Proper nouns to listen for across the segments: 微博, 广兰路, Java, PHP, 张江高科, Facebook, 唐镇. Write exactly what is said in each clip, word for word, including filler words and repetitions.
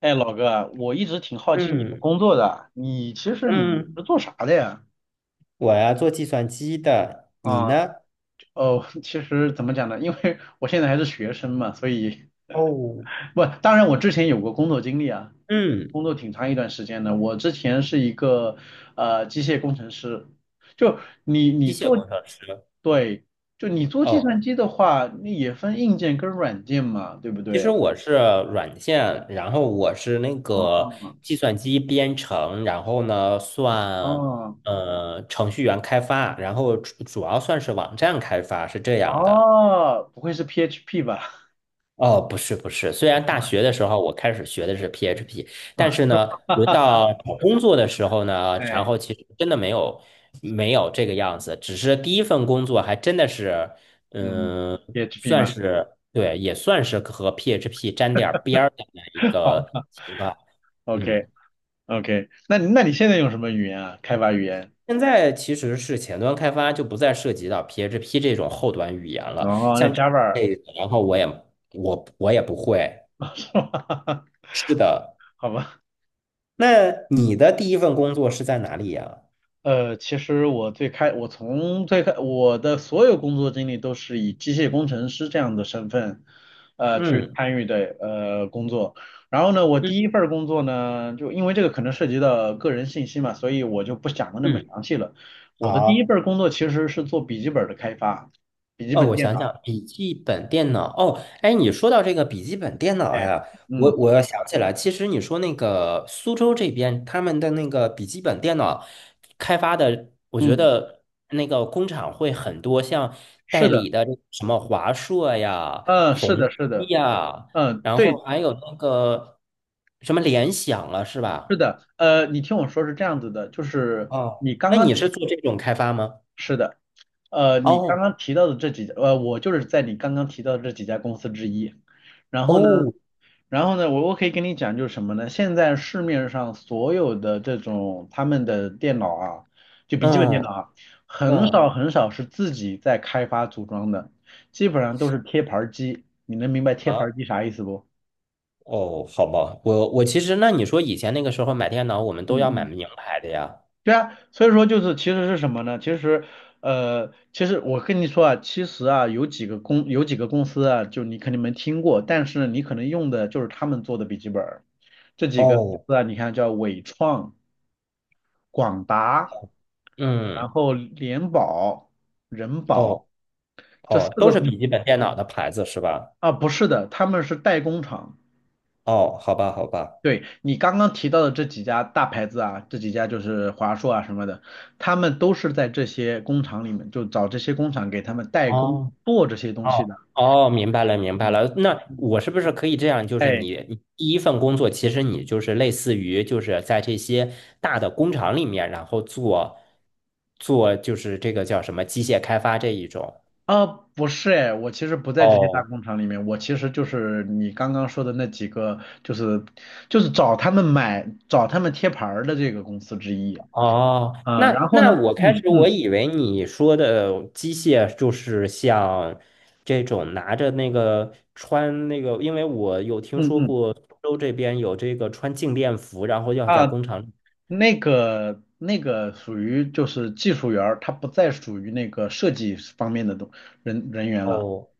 哎，老哥，我一直挺好奇你的嗯工作的，你其实你嗯，是做啥的呀？我呀做计算机的，你啊，呢？哦，其实怎么讲呢？因为我现在还是学生嘛，所以哦，不，当然我之前有过工作经历啊，嗯，工作挺长一段时间的。我之前是一个呃机械工程师，就你你机械做，工程师。对，就你做计哦，算机的话，那也分硬件跟软件嘛，对不其实对？我是软件，然后我是那个哦计算机编程，然后呢算哦呃程序员开发，然后主主要算是网站开发，是这样的。哦，不会是 P H P 吧？哦，不是不是，虽然大学的时候我开始学的是 P H P，但是呢，哈轮哈，到找工作的时候呢，然后哎。其实真的没有没有这个样子，只是第一份工作还真的是，嗯嗯，，PHP 算吗？是对，也算是和 P H P 沾点儿边儿的那一 好个吧情况。，OK 嗯，OK，那你那你现在用什么语言啊？开发语言？现在其实是前端开发就不再涉及到 P H P 这种后端语言了，哦，那 像这 Java 儿 类的然后我也我我也不会，是吧？是的。好吧。那你的第一份工作是在哪里呀？呃，其实我最开，我从最开，我的所有工作经历都是以机械工程师这样的身份，呃，去嗯参与的呃工作。然后呢，我嗯第一份儿工作呢，就因为这个可能涉及到个人信息嘛，所以我就不讲的那么嗯，详细了。我的第一好。份儿工作其实是做笔记本儿的开发，笔记哦，本我电想脑。想，笔记本电脑。哦，哎，你说到这个笔记本电脑哎，呀，我嗯我要想起来，其实你说那个苏州这边他们的那个笔记本电脑开发的，我觉嗯，得那个工厂会很多，像代是的，理的这个什么华硕呀、嗯，是宏的，是基的，呀，嗯，然后对，还有那个什么联想了，是是吧？的，呃，你听我说是这样子的，就是哦，你刚那刚你是做这种开发吗？是的，呃，你刚哦刚提到的这几家，呃，我就是在你刚刚提到的这几家公司之一。然后呢，哦，然后呢，我我可以跟你讲，就是什么呢？现在市面上所有的这种他们的电脑啊，就笔记本电嗯脑啊，很少嗯很少是自己在开发组装的，基本上都是贴牌儿机。你能明白贴牌儿啊机啥意思不？哦，好吧，我我其实那你说以前那个时候买电脑，我们都要嗯买嗯，名牌的呀。对啊，所以说就是其实是什么呢？其实，呃，其实我跟你说啊，其实啊，有几个公有几个公司啊，就你肯定没听过，但是呢你可能用的就是他们做的笔记本儿。这几个公哦，司啊，你看叫伟创、广达，然嗯，后联保、人保哦这四哦，都个是公司笔记本电脑的牌子是吧？啊，不是的，他们是代工厂。哦，好吧，好吧。对，你刚刚提到的这几家大牌子啊，这几家就是华硕啊什么的，他们都是在这些工厂里面，就找这些工厂给他们代工哦。做这些东西哦的。哦，明白了，明白嗯了。那嗯，我是不是可以这样？就是哎，你你第一份工作，其实你就是类似于就是在这些大的工厂里面，然后做做就是这个叫什么机械开发这一种。啊，不是哎，我其实不在这些大哦工厂里面，我其实就是你刚刚说的那几个，就是就是找他们买、找他们贴牌儿的这个公司之一。哦，啊。然那后呢，那我开嗯始我嗯以为你说的机械就是像这种拿着那个穿那个，因为我有听嗯说嗯，过苏州这边有这个穿静电服，然后要在啊，工厂里。那个那个属于就是技术员儿，他不再属于那个设计方面的东人人员了，哦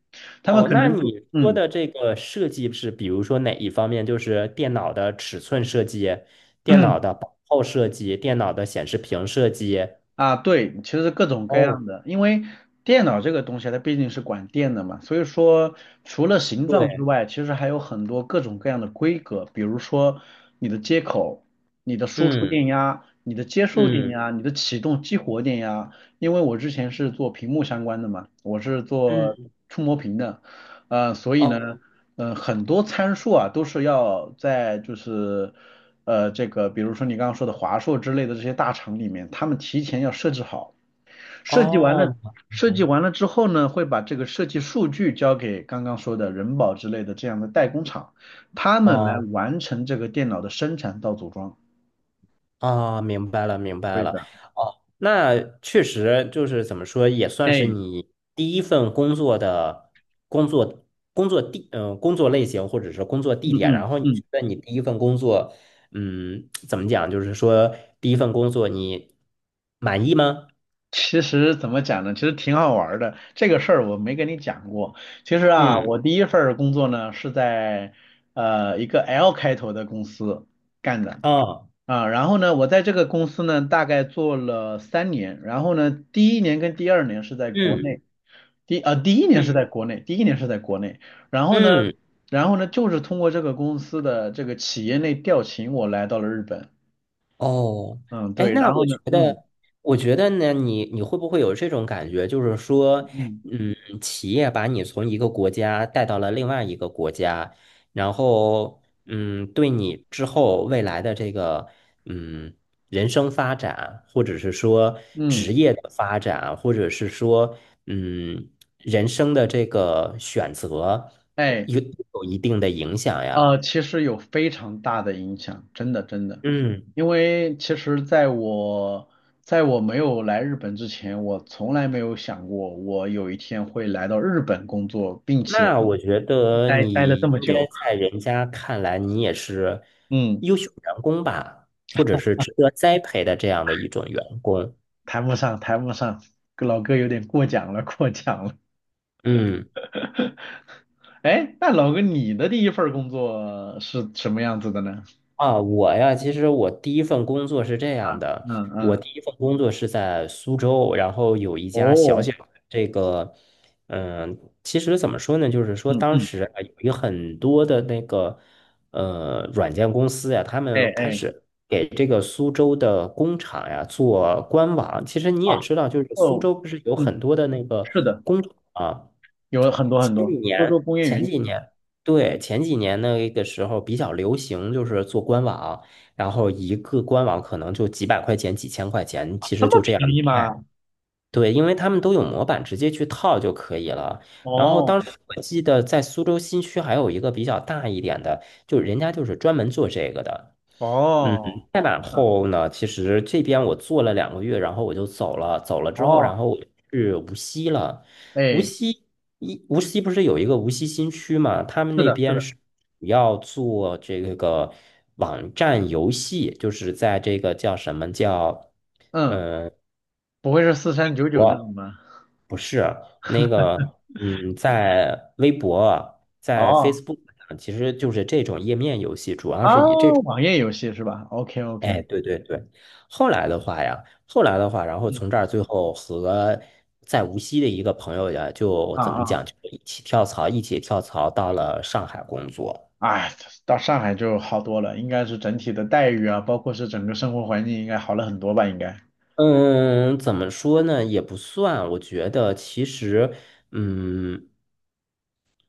他们哦，可那能你就说嗯。的这个设计是，比如说哪一方面？就是电脑的尺寸设计、电脑的薄厚设计、电脑的显示屏设计。啊对，其实各种各哦，样的，因为电脑这个东西它毕竟是管电的嘛，所以说除了形状之对，外，其实还有很多各种各样的规格，比如说你的接口、你的输出嗯电压、你的接收电嗯压、你的启动激活电压，因为我之前是做屏幕相关的嘛，我是做嗯，触摸屏的。呃，所以呢，哦呃，很多参数啊，都是要在就是，呃，这个比如说你刚刚说的华硕之类的这些大厂里面，他们提前要设置好，设计完了，哦设计完了之后呢，会把这个设计数据交给刚刚说的人保之类的这样的代工厂，他们来哦。完成这个电脑的生产到组装。啊，明白了，明白对了。的，哦，那确实就是怎么说，也算是哎，你第一份工作的工作工作地，嗯、工作类型或者是工作嗯地点。然嗯后你嗯。觉得你第一份工作，嗯，怎么讲？就是说第一份工作你满意吗？其实怎么讲呢？其实挺好玩儿的。这个事儿我没跟你讲过。其实啊，嗯，我第一份儿工作呢是在呃一个 L 开头的公司干的啊，啊。然后呢，我在这个公司呢大概做了三年。然后呢，第一年跟第二年是在国嗯内，第呃第一年是在嗯国内，第一年是在国内。然后呢，嗯。然后呢就是通过这个公司的这个企业内调勤，我来到了日本。哦，嗯，哎，对。那然后我呢，觉嗯得，我觉得呢，你你会不会有这种感觉，就是说，嗯嗯，企业把你从一个国家带到了另外一个国家，然后，嗯，对你之后未来的这个，嗯，人生发展，或者是说职嗯，业的发展，或者是说，嗯，人生的这个选择，哎。有有一定的影响呃，呀。其实有非常大的影响，真的真的，嗯。因为其实在我在我没有来日本之前，我从来没有想过我有一天会来到日本工作，并且那我觉得待待了你这么应该久。在人家看来，你也是嗯，优秀员工吧，或者是值得栽培的这样的一种员工。谈不上，谈不上，老哥有点过奖了，过奖了。嗯。哎，那老哥，你的第一份工作是什么样子的呢？啊，我呀，其实我第一份工作是这啊，样的，嗯我嗯，第一份工作是在苏州，然后有一家小哦，小的这个，嗯，其实怎么说呢，就是说嗯当嗯，时啊，有有很多的那个呃软件公司呀，他哎们开哎，始给这个苏州的工厂呀做官网。其实你啊，也知道，就是苏哦，州不是有嗯，很多的那个是的。工厂啊。有很多很前多，几多年，州工业前园区几年，对，前几年那个时候比较流行，就是做官网，然后一个官网可能就几百块钱、几千块钱，啊，其这实么就这样便宜卖。吗？对，因为他们都有模板，直接去套就可以了。然后哦当时我记得在苏州新区还有一个比较大一点的，就人家就是专门做这个的。嗯，哦，再往那后呢，其实这边我做了两个月，然后我就走了。走了之后，哦，然后我就去无锡了。无哎，锡一无锡不是有一个无锡新区嘛？他们是那的，是边的，是主要做这个网站游戏，就是在这个叫什么叫嗯，嗯呃不会是四三九九这我种吧？那个嗯，在微博、在 哦 Facebook 上，其实就是这种页面游戏，主要是以这哦，种。网页游戏是吧？OK 哎，OK，对对对，后来的话呀，后来的话，然后从这嗯儿最后和在无锡的一个朋友呀，就啊怎么啊，讲，就一起跳槽，一起跳槽到了上海工作。哎，到上海就好多了，应该是整体的待遇啊，包括是整个生活环境应该好了很多吧？应该，嗯，怎么说呢，也不算，我觉得其实，嗯，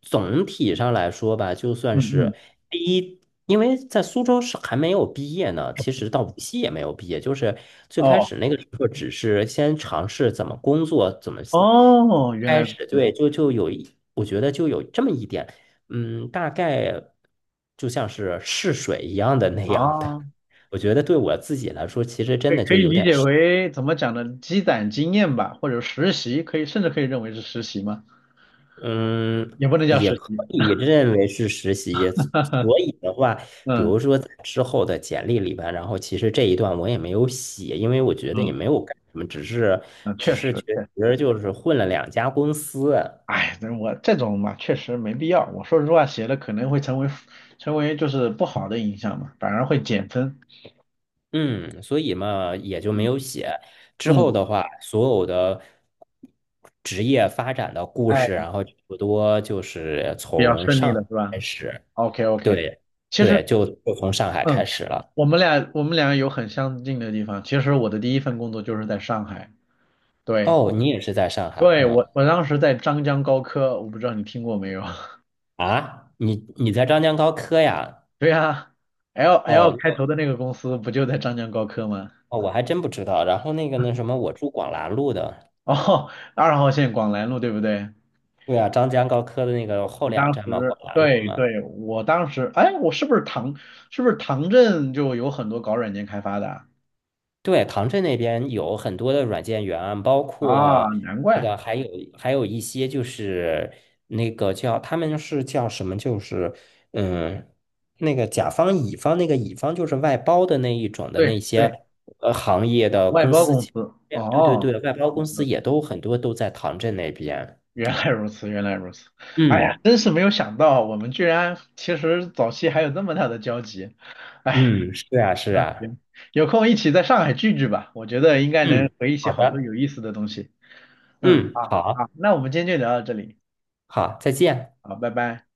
总体上来说吧，就算嗯是嗯，第一。因为在苏州是还没有毕业呢，其实到无锡也没有毕业，就是最开哦始那个时候只是先尝试怎么工作，怎么哦，原来开始对，就就有一，我觉得就有这么一点，嗯，大概就像是试水一样的那样的。啊我觉得对我自己来说，其实可真以的可就以有理点解是为怎么讲呢？积攒经验吧，或者实习，可以甚至可以认为是实习嘛？嗯，也不能叫也实可习。以认为是实习。所以的话，比嗯如说在之后的简历里边，然后其实这一段我也没有写，因为我觉得也嗯没有干什么，只是嗯，只确是实，觉确实，得就是混了两家公司。哎，这我这种嘛，确实没必要。我说实话，写的可能会成为成为就是不好的影响嘛，反而会减分。嗯，所以嘛，也就没嗯有写。之后嗯，的话，所有的职业发展的故哎，事，然后差不多就是比较从顺利上海了是开吧始。？OK OK，对，其实对，就就从上海开嗯，始了。我们俩我们俩有很相近的地方。其实我的第一份工作就是在上海，对。哦，你也是在上海，对，嗯我我当时在张江高科，我不知道你听过没有？啊，你你在张江高科呀？对呀，L L 哦，开头那的那个公司不就在张江高科吗？哦我还真不知道。然后那个那什么，我住广兰路的。哦，二号线广兰路对不对？对啊，张江高科的那个后我两当站嘛，时，广兰路对嘛。对，我当时，哎，我是不是唐，是不是唐镇就有很多搞软件开发的啊？对，唐镇那边有很多的软件园，包啊括难那怪，个还有还有一些就是那个叫他们是叫什么，就是嗯，那个甲方乙方那个乙方就是外包的那一种的那对对，些呃行业啊的外公包司，公司，对对哦对，外包公司，OK，也都很多都在唐镇那边。原来如此，原来如此，哎呀，嗯真是没有想到，我们居然其实早期还有这么大的交集。哎。嗯，是啊是嗯，啊，行，有空一起在上海聚聚吧，我觉得应该嗯，能回忆起好好多的，有意思的东西。嗯，嗯，好，好好，那我们今天就聊到这里，好，再见。好，拜拜。